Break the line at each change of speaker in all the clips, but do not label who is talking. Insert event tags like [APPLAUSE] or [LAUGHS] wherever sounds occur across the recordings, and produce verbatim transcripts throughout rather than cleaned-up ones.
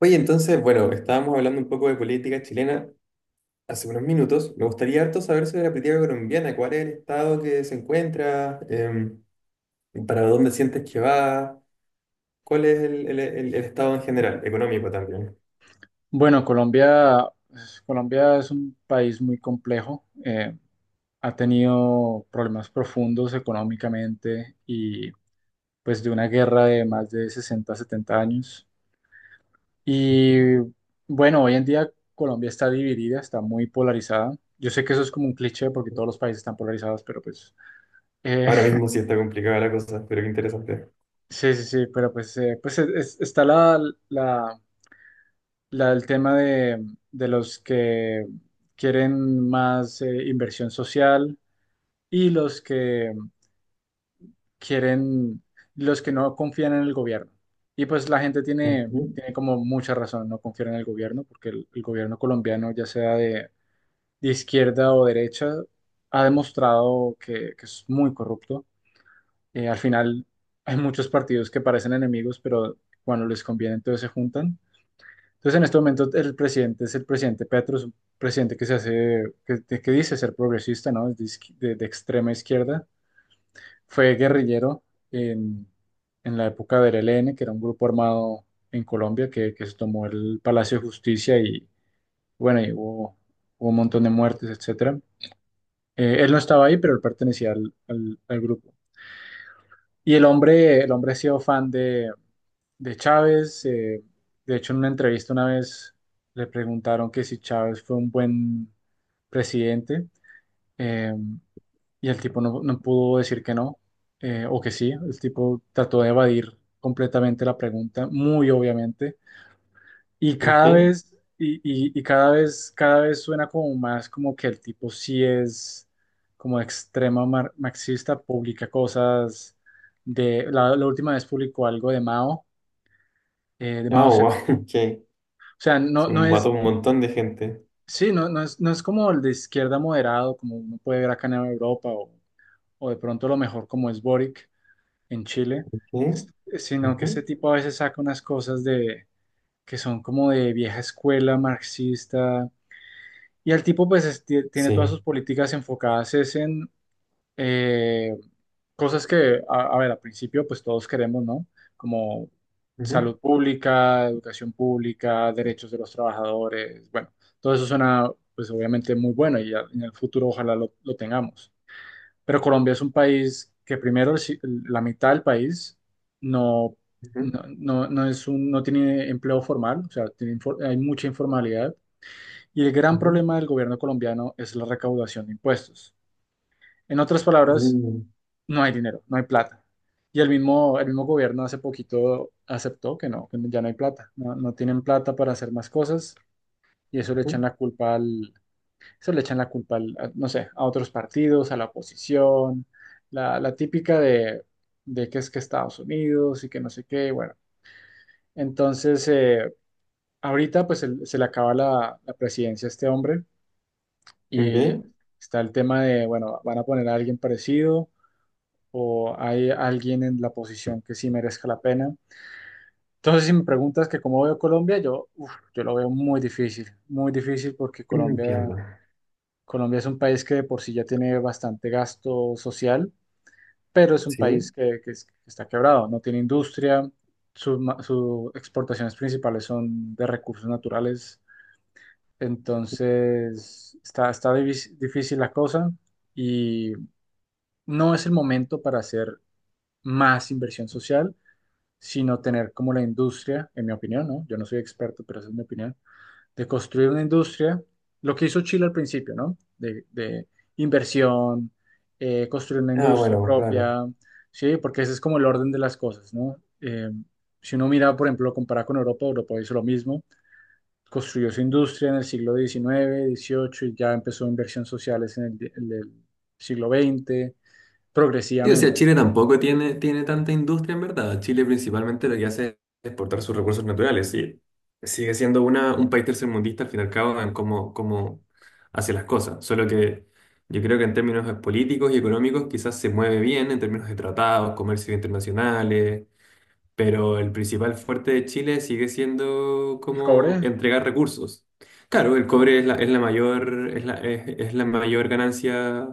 Oye, entonces, bueno, estábamos hablando un poco de política chilena hace unos minutos. Me gustaría harto saber sobre la política colombiana, cuál es el estado que se encuentra. Em, ¿para dónde sientes que va, cuál es el, el- el- el estado en general, económico también?
Bueno, Colombia, pues, Colombia es un país muy complejo. Eh, ha tenido problemas profundos económicamente y pues de una guerra de más de sesenta, setenta años. Y bueno, hoy en día Colombia está dividida, está muy polarizada. Yo sé que eso es como un cliché porque todos los países están polarizados, pero pues eh,
Ahora
[LAUGHS]
mismo sí está complicada la cosa, pero qué interesante.
sí, sí, sí, pero pues, eh, pues es- es- está la, la, La, el tema de, de los que quieren más eh, inversión social y los que quieren, los que no confían en el gobierno. Y pues la gente tiene,
Ujú.
tiene como mucha razón, no confiar en el gobierno, porque el, el gobierno colombiano, ya sea de, de izquierda o derecha, ha demostrado que, que es muy corrupto. Eh, al final hay muchos partidos que parecen enemigos, pero cuando les conviene entonces se juntan. Entonces, en este momento, el presidente es el presidente Petro, es un presidente que se hace, que, que dice ser progresista, ¿no? Es de, izqui- de- de extrema izquierda. Fue guerrillero en, en la época del E L N, que era un grupo armado en Colombia que, que se tomó el Palacio de Justicia y, bueno, y hubo, hubo un montón de muertes, etcétera. Eh, él no estaba ahí, pero él pertenecía al, al- al grupo. Y el hombre, el hombre ha sido fan de, de Chávez. Eh, de hecho, en una entrevista una vez le preguntaron que si Chávez fue un buen presidente, eh, y el tipo no, no pudo decir que no, eh, o que sí. El tipo trató de evadir completamente la pregunta, muy obviamente. Y cada
Ok.
vez, y, y- y cada vez, cada vez suena como más como que el tipo sí es como extrema mar- marxista, publica cosas de, la la última vez publicó algo de Mao, eh, de
Ah,
Mao.
wow, [LAUGHS] ok.
O sea, no,
Se
no
mató
es,
un montón de gente.
sí, no, no es, no es como el de izquierda moderado, como uno puede ver acá en Europa, o, o de pronto lo mejor como es Boric en Chile, es-
Ok.
sino que este
Ujú.
tipo a veces saca unas cosas de, que son como de vieja escuela marxista, y el tipo pues es- tie- tiene todas
Sí.
sus políticas enfocadas es en eh, cosas que, a, a ver, al principio pues todos queremos, ¿no? Como
Ujú,
salud pública, educación pública, derechos de los trabajadores, bueno, todo eso suena pues obviamente muy bueno y ya en el futuro ojalá lo, lo tengamos. Pero Colombia es un país que primero el si- la mitad del país no,
ujú,
no, no, no es un, no tiene empleo formal, o sea, tiene infor- hay mucha informalidad y el gran
ujú,
problema del gobierno colombiano es la recaudación de impuestos. En otras palabras,
mm,
no hay dinero, no hay plata. Y el mismo, el mismo gobierno hace poquito aceptó que no, que ya no hay plata, no, no tienen plata para hacer más cosas y eso le
ujú,
echan la culpa al, eso le echan la culpa al, a- no sé, a otros partidos, a la oposición, la, la típica de, de que es que Estados Unidos y que no sé qué, bueno. Entonces, eh, ahorita pues se, se le acaba la, la presidencia a este hombre y
ok.
está el tema de, bueno, van a poner a alguien parecido o hay alguien en la posición que sí merezca la pena. Entonces, si me preguntas que cómo veo Colombia, yo, uf, yo lo veo muy difícil, muy difícil porque
Entiendo.
Colombia, Colombia es un país que de por sí ya tiene bastante gasto social, pero es un país
Sí.
que, que es- que está quebrado, no tiene industria, sus ma- sus exportaciones principales son de recursos naturales, entonces está, está divis- difícil la cosa y no es el momento para hacer más inversión social sino tener como la industria, en mi opinión, ¿no? Yo no soy experto, pero esa es mi opinión, de construir una industria, lo que hizo Chile al principio, ¿no? De, de inversión, eh, construir una
Ah,
industria
bueno, claro.
propia, ¿sí? Porque ese es como el orden de las cosas, ¿no? Eh, si uno mira, por ejemplo, compara con Europa, Europa hizo lo mismo, construyó su industria en el siglo diecinueve dieciocho y ya empezó inversión sociales en el, en el siglo veinte
Sí, o sea,
progresivamente.
Chile tampoco tiene, tiene tanta industria en verdad. Chile principalmente lo que hace es exportar sus recursos naturales, sí. Sigue siendo una, un país tercermundista al fin y al cabo en cómo, cómo hace las cosas. Solo que yo creo que en términos políticos y económicos quizás se mueve bien en términos de tratados, comercios internacionales, pero el principal fuerte de Chile sigue siendo
El cobre,
como entregar recursos. Claro, el cobre es la, es la mayor, es la, es es la mayor ganancia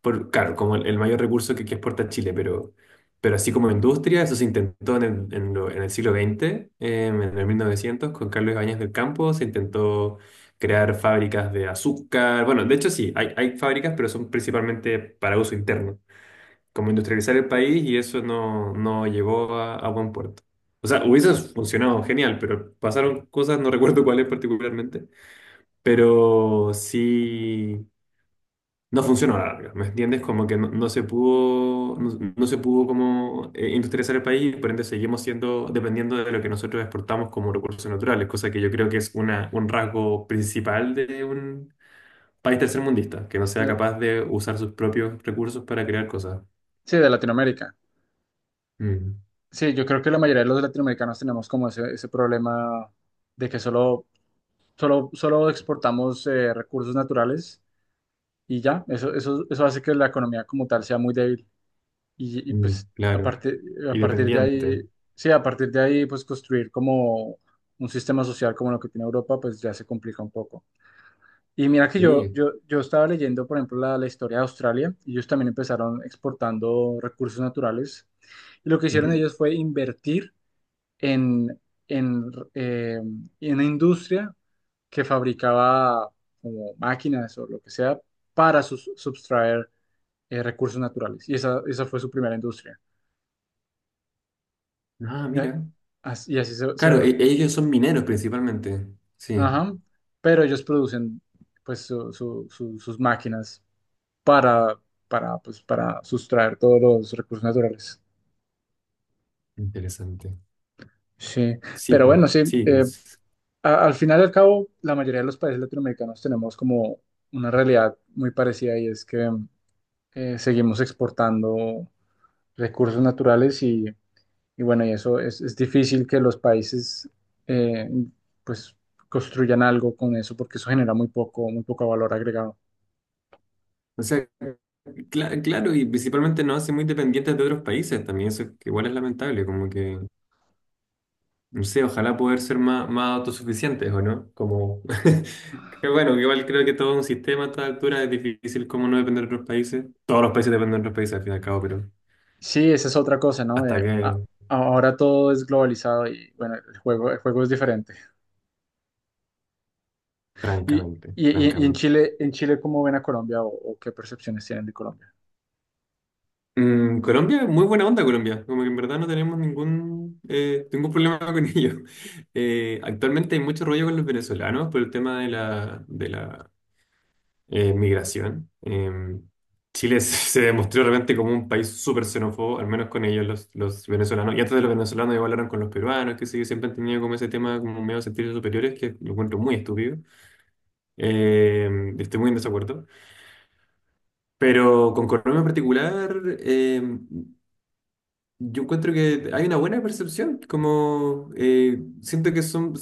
por, claro, como el, el mayor recurso que, que exporta Chile, pero, pero así como industria, eso se intentó en el, en lo- en el siglo veinte, em, en el mil novecientos, con Carlos Ibáñez del Campo. Se intentó crear fábricas de azúcar. Bueno, de hecho sí, hay, hay fábricas, pero son principalmente para uso interno, como industrializar el país, y eso no, no llegó a, a buen puerto. O sea, hubiese funcionado genial, pero pasaron cosas, no recuerdo cuáles particularmente, pero sí, no funcionó a la larga, ¿me entiendes? Como que no, no se pudo, no, no se pudo como eh, industrializar el país, por ende seguimos siendo dependiendo de lo que nosotros exportamos como recursos naturales, cosa que yo creo que es una, un rasgo principal de un país tercermundista, que no sea
de-
capaz de usar sus propios recursos para crear cosas.
sí, de Latinoamérica.
Mm,
Sí, yo creo que la mayoría de los latinoamericanos tenemos como ese, ese problema de que solo, solo, solo exportamos eh, recursos naturales y ya, eso, eso, eso hace que la economía como tal sea muy débil. Y, y,
mm,
pues a
claro,
partir, a
y
partir de
dependiente.
ahí, sí, a partir de ahí, pues construir como un sistema social como lo que tiene Europa, pues ya se complica un poco. Y mira que yo,
Sí.
yo, yo estaba leyendo, por ejemplo, la, la historia de Australia, y ellos también empezaron exportando recursos naturales. Y lo que hicieron
Ujú.
ellos fue invertir en, en, eh, en una industria que fabricaba como máquinas o lo que sea para sus- sustraer eh, recursos naturales. Y esa, esa fue su primera industria.
Ah,
Y, a-
mira.
as- y así se,
Claro,
se-
e- ellos son mineros principalmente. Sí,
ajá. Pero ellos producen pues su- su- su- sus máquinas para, para, pues, para sustraer todos los recursos naturales.
interesante.
Sí,
Sí,
pero
po.
bueno, sí,
Sí.
eh, a- al final y al cabo, la mayoría de los países latinoamericanos tenemos como una realidad muy parecida y es que eh, seguimos exportando recursos naturales y, y bueno, y eso es, es difícil que los países eh, pues construyan algo con eso porque eso genera muy poco, muy poco valor agregado.
O sea, cla- claro, y principalmente nos hace muy dependientes de otros países también, eso que igual es lamentable, como que, no sé, ojalá poder ser más, más autosuficientes, ¿o no? Como, [LAUGHS] que bueno, que igual creo que todo un sistema a esta altura es difícil, como no depender de otros países. Todos los países dependen de otros países al fin y al cabo, pero
Sí, esa es otra cosa, ¿no?
hasta
Eh, a-
que,
ahora todo es globalizado y bueno, el juego, el juego es diferente. Y,
francamente,
y, y- y en
francamente.
Chile, en Chile, ¿cómo ven a Colombia o, o qué percepciones tienen de Colombia?
Mm, Colombia, muy buena onda Colombia, como que en verdad no tenemos ningún, eh, ningún problema [LAUGHS] con ellos. Eh, actualmente hay mucho rollo con los venezolanos por el tema de la, de la eh, migración. Eh, Chile [LAUGHS] se se demostró realmente como un país súper xenófobo, al menos con ellos, los, los venezolanos. Y antes de los venezolanos, igual hablaron con los peruanos, que sí, siempre han tenido como ese tema, como medio de sentirse superiores, que lo encuentro muy estúpido. Eh, estoy muy en desacuerdo. Pero con Colombia en particular, eh, yo encuentro que hay una buena percepción, como eh, siento que son,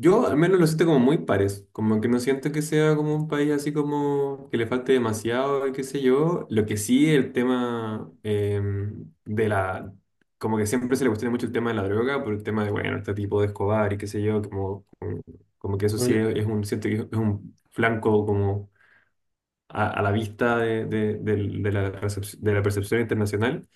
yo al menos lo siento como muy pares, como que no siento que sea como un país así, como que le falte demasiado, y qué sé yo. Lo que sí, el tema eh, de la, como que siempre se le cuestiona mucho el tema de la droga por el tema de, bueno, este tipo de Escobar y qué sé yo, como, como, como que eso sí
Uy,
es, es un, siento que es un flanco como a, a la vista de, de, del- de la, recepc- de la percepción internacional.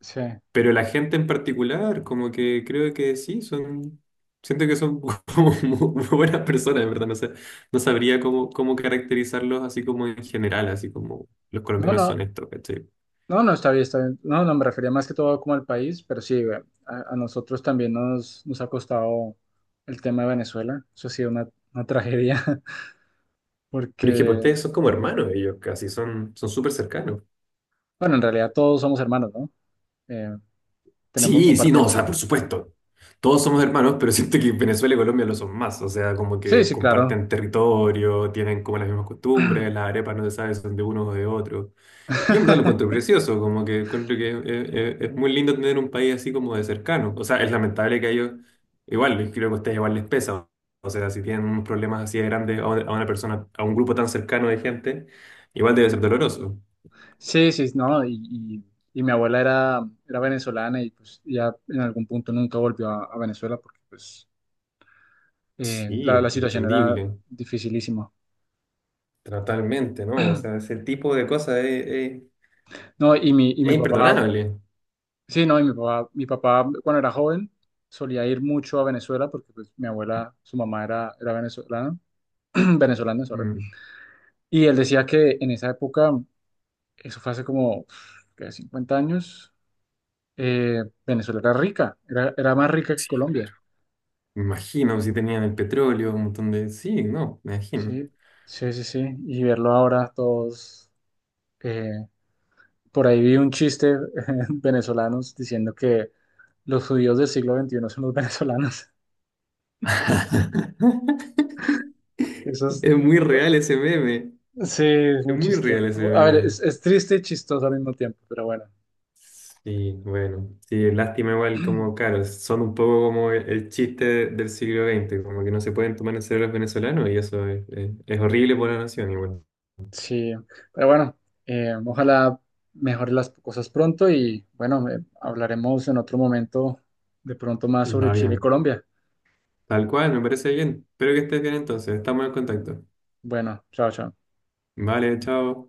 sí.
Pero la gente en particular, como que creo que sí, son, siento que son [LAUGHS] como muy, muy buenas personas, en verdad, no sé, no sabría cómo, cómo caracterizarlos así, como en general, así como los
No,
colombianos
no,
son estos, ¿cachai?
no, no, está bien, está bien. No, no, me refería más que todo como al país, pero sí, güey, a, a nosotros también nos, nos ha costado el tema de Venezuela. Eso ha sido una, una tragedia, [LAUGHS]
Pero es que pues,
porque,
ustedes son como hermanos, ellos casi son, son súper cercanos.
bueno, en realidad todos somos hermanos, ¿no? Eh, Tenemos,
Sí, sí, no, o
compartimos.
sea, por supuesto. Todos somos hermanos, pero [LAUGHS] siento que Venezuela y Colombia lo son más. O sea, como
Sí,
que
sí, claro.
comparten territorio, tienen como las mismas costumbres, las arepas no se sabe si son de uno o de otro. Yo en verdad lo encuentro
[LAUGHS]
precioso, como que encuentro que es, es- es muy lindo tener un país así, como de cercano. O sea, es lamentable que a ellos, igual, creo que a ustedes igual les pesa. O sea, si tienen unos problemas así de grandes a una a una persona, a un grupo tan cercano de gente, igual debe ser doloroso.
Sí, sí, no, y, y- y mi abuela era, era venezolana y pues ya en algún punto nunca volvió a, a Venezuela porque pues eh,
Sí,
la, la situación era
entendible,
dificilísima.
totalmente, ¿no? O sea, ese tipo de cosas es, es-
No, y mi, y mi
es
papá.
imperdonable.
Sí, no, y mi papá, mi papá cuando era joven solía ir mucho a Venezuela porque pues, mi abuela, su mamá era, era venezolana, [CLEARS THROAT] venezolana, sorry.
Mm.
Y él decía que en esa época, eso fue hace como ¿qué? Cincuenta años, eh, Venezuela era rica, era, era más rica que Colombia.
Me imagino, si tenían el petróleo, un montón de. Sí, no, me imagino.
Sí, sí, sí, sí. Y verlo ahora todos, eh, por ahí vi un chiste [LAUGHS] venezolanos diciendo que los judíos del siglo veintiuno son los [LAUGHS] venezolanos.
[LAUGHS]
Eso es,
Es muy real ese meme.
sí, es
Es
muy
muy
chistoso.
real ese
A ver,
meme.
es, es triste y chistoso al mismo tiempo, pero bueno,
Sí, bueno. Sí, lástima igual como, claro, son un poco como el, el chiste del siglo veinte, como que no se pueden tomar en serio los venezolanos y eso es, es- es horrible por la nación igual.
sí, pero bueno, eh, ojalá mejore las cosas pronto y bueno, eh, hablaremos en otro momento de pronto más sobre
Va
Chile y
bien.
Colombia.
Tal cual, me parece bien. Espero que estés bien, entonces. Estamos en contacto.
Bueno, chao, chao.
Vale, chao.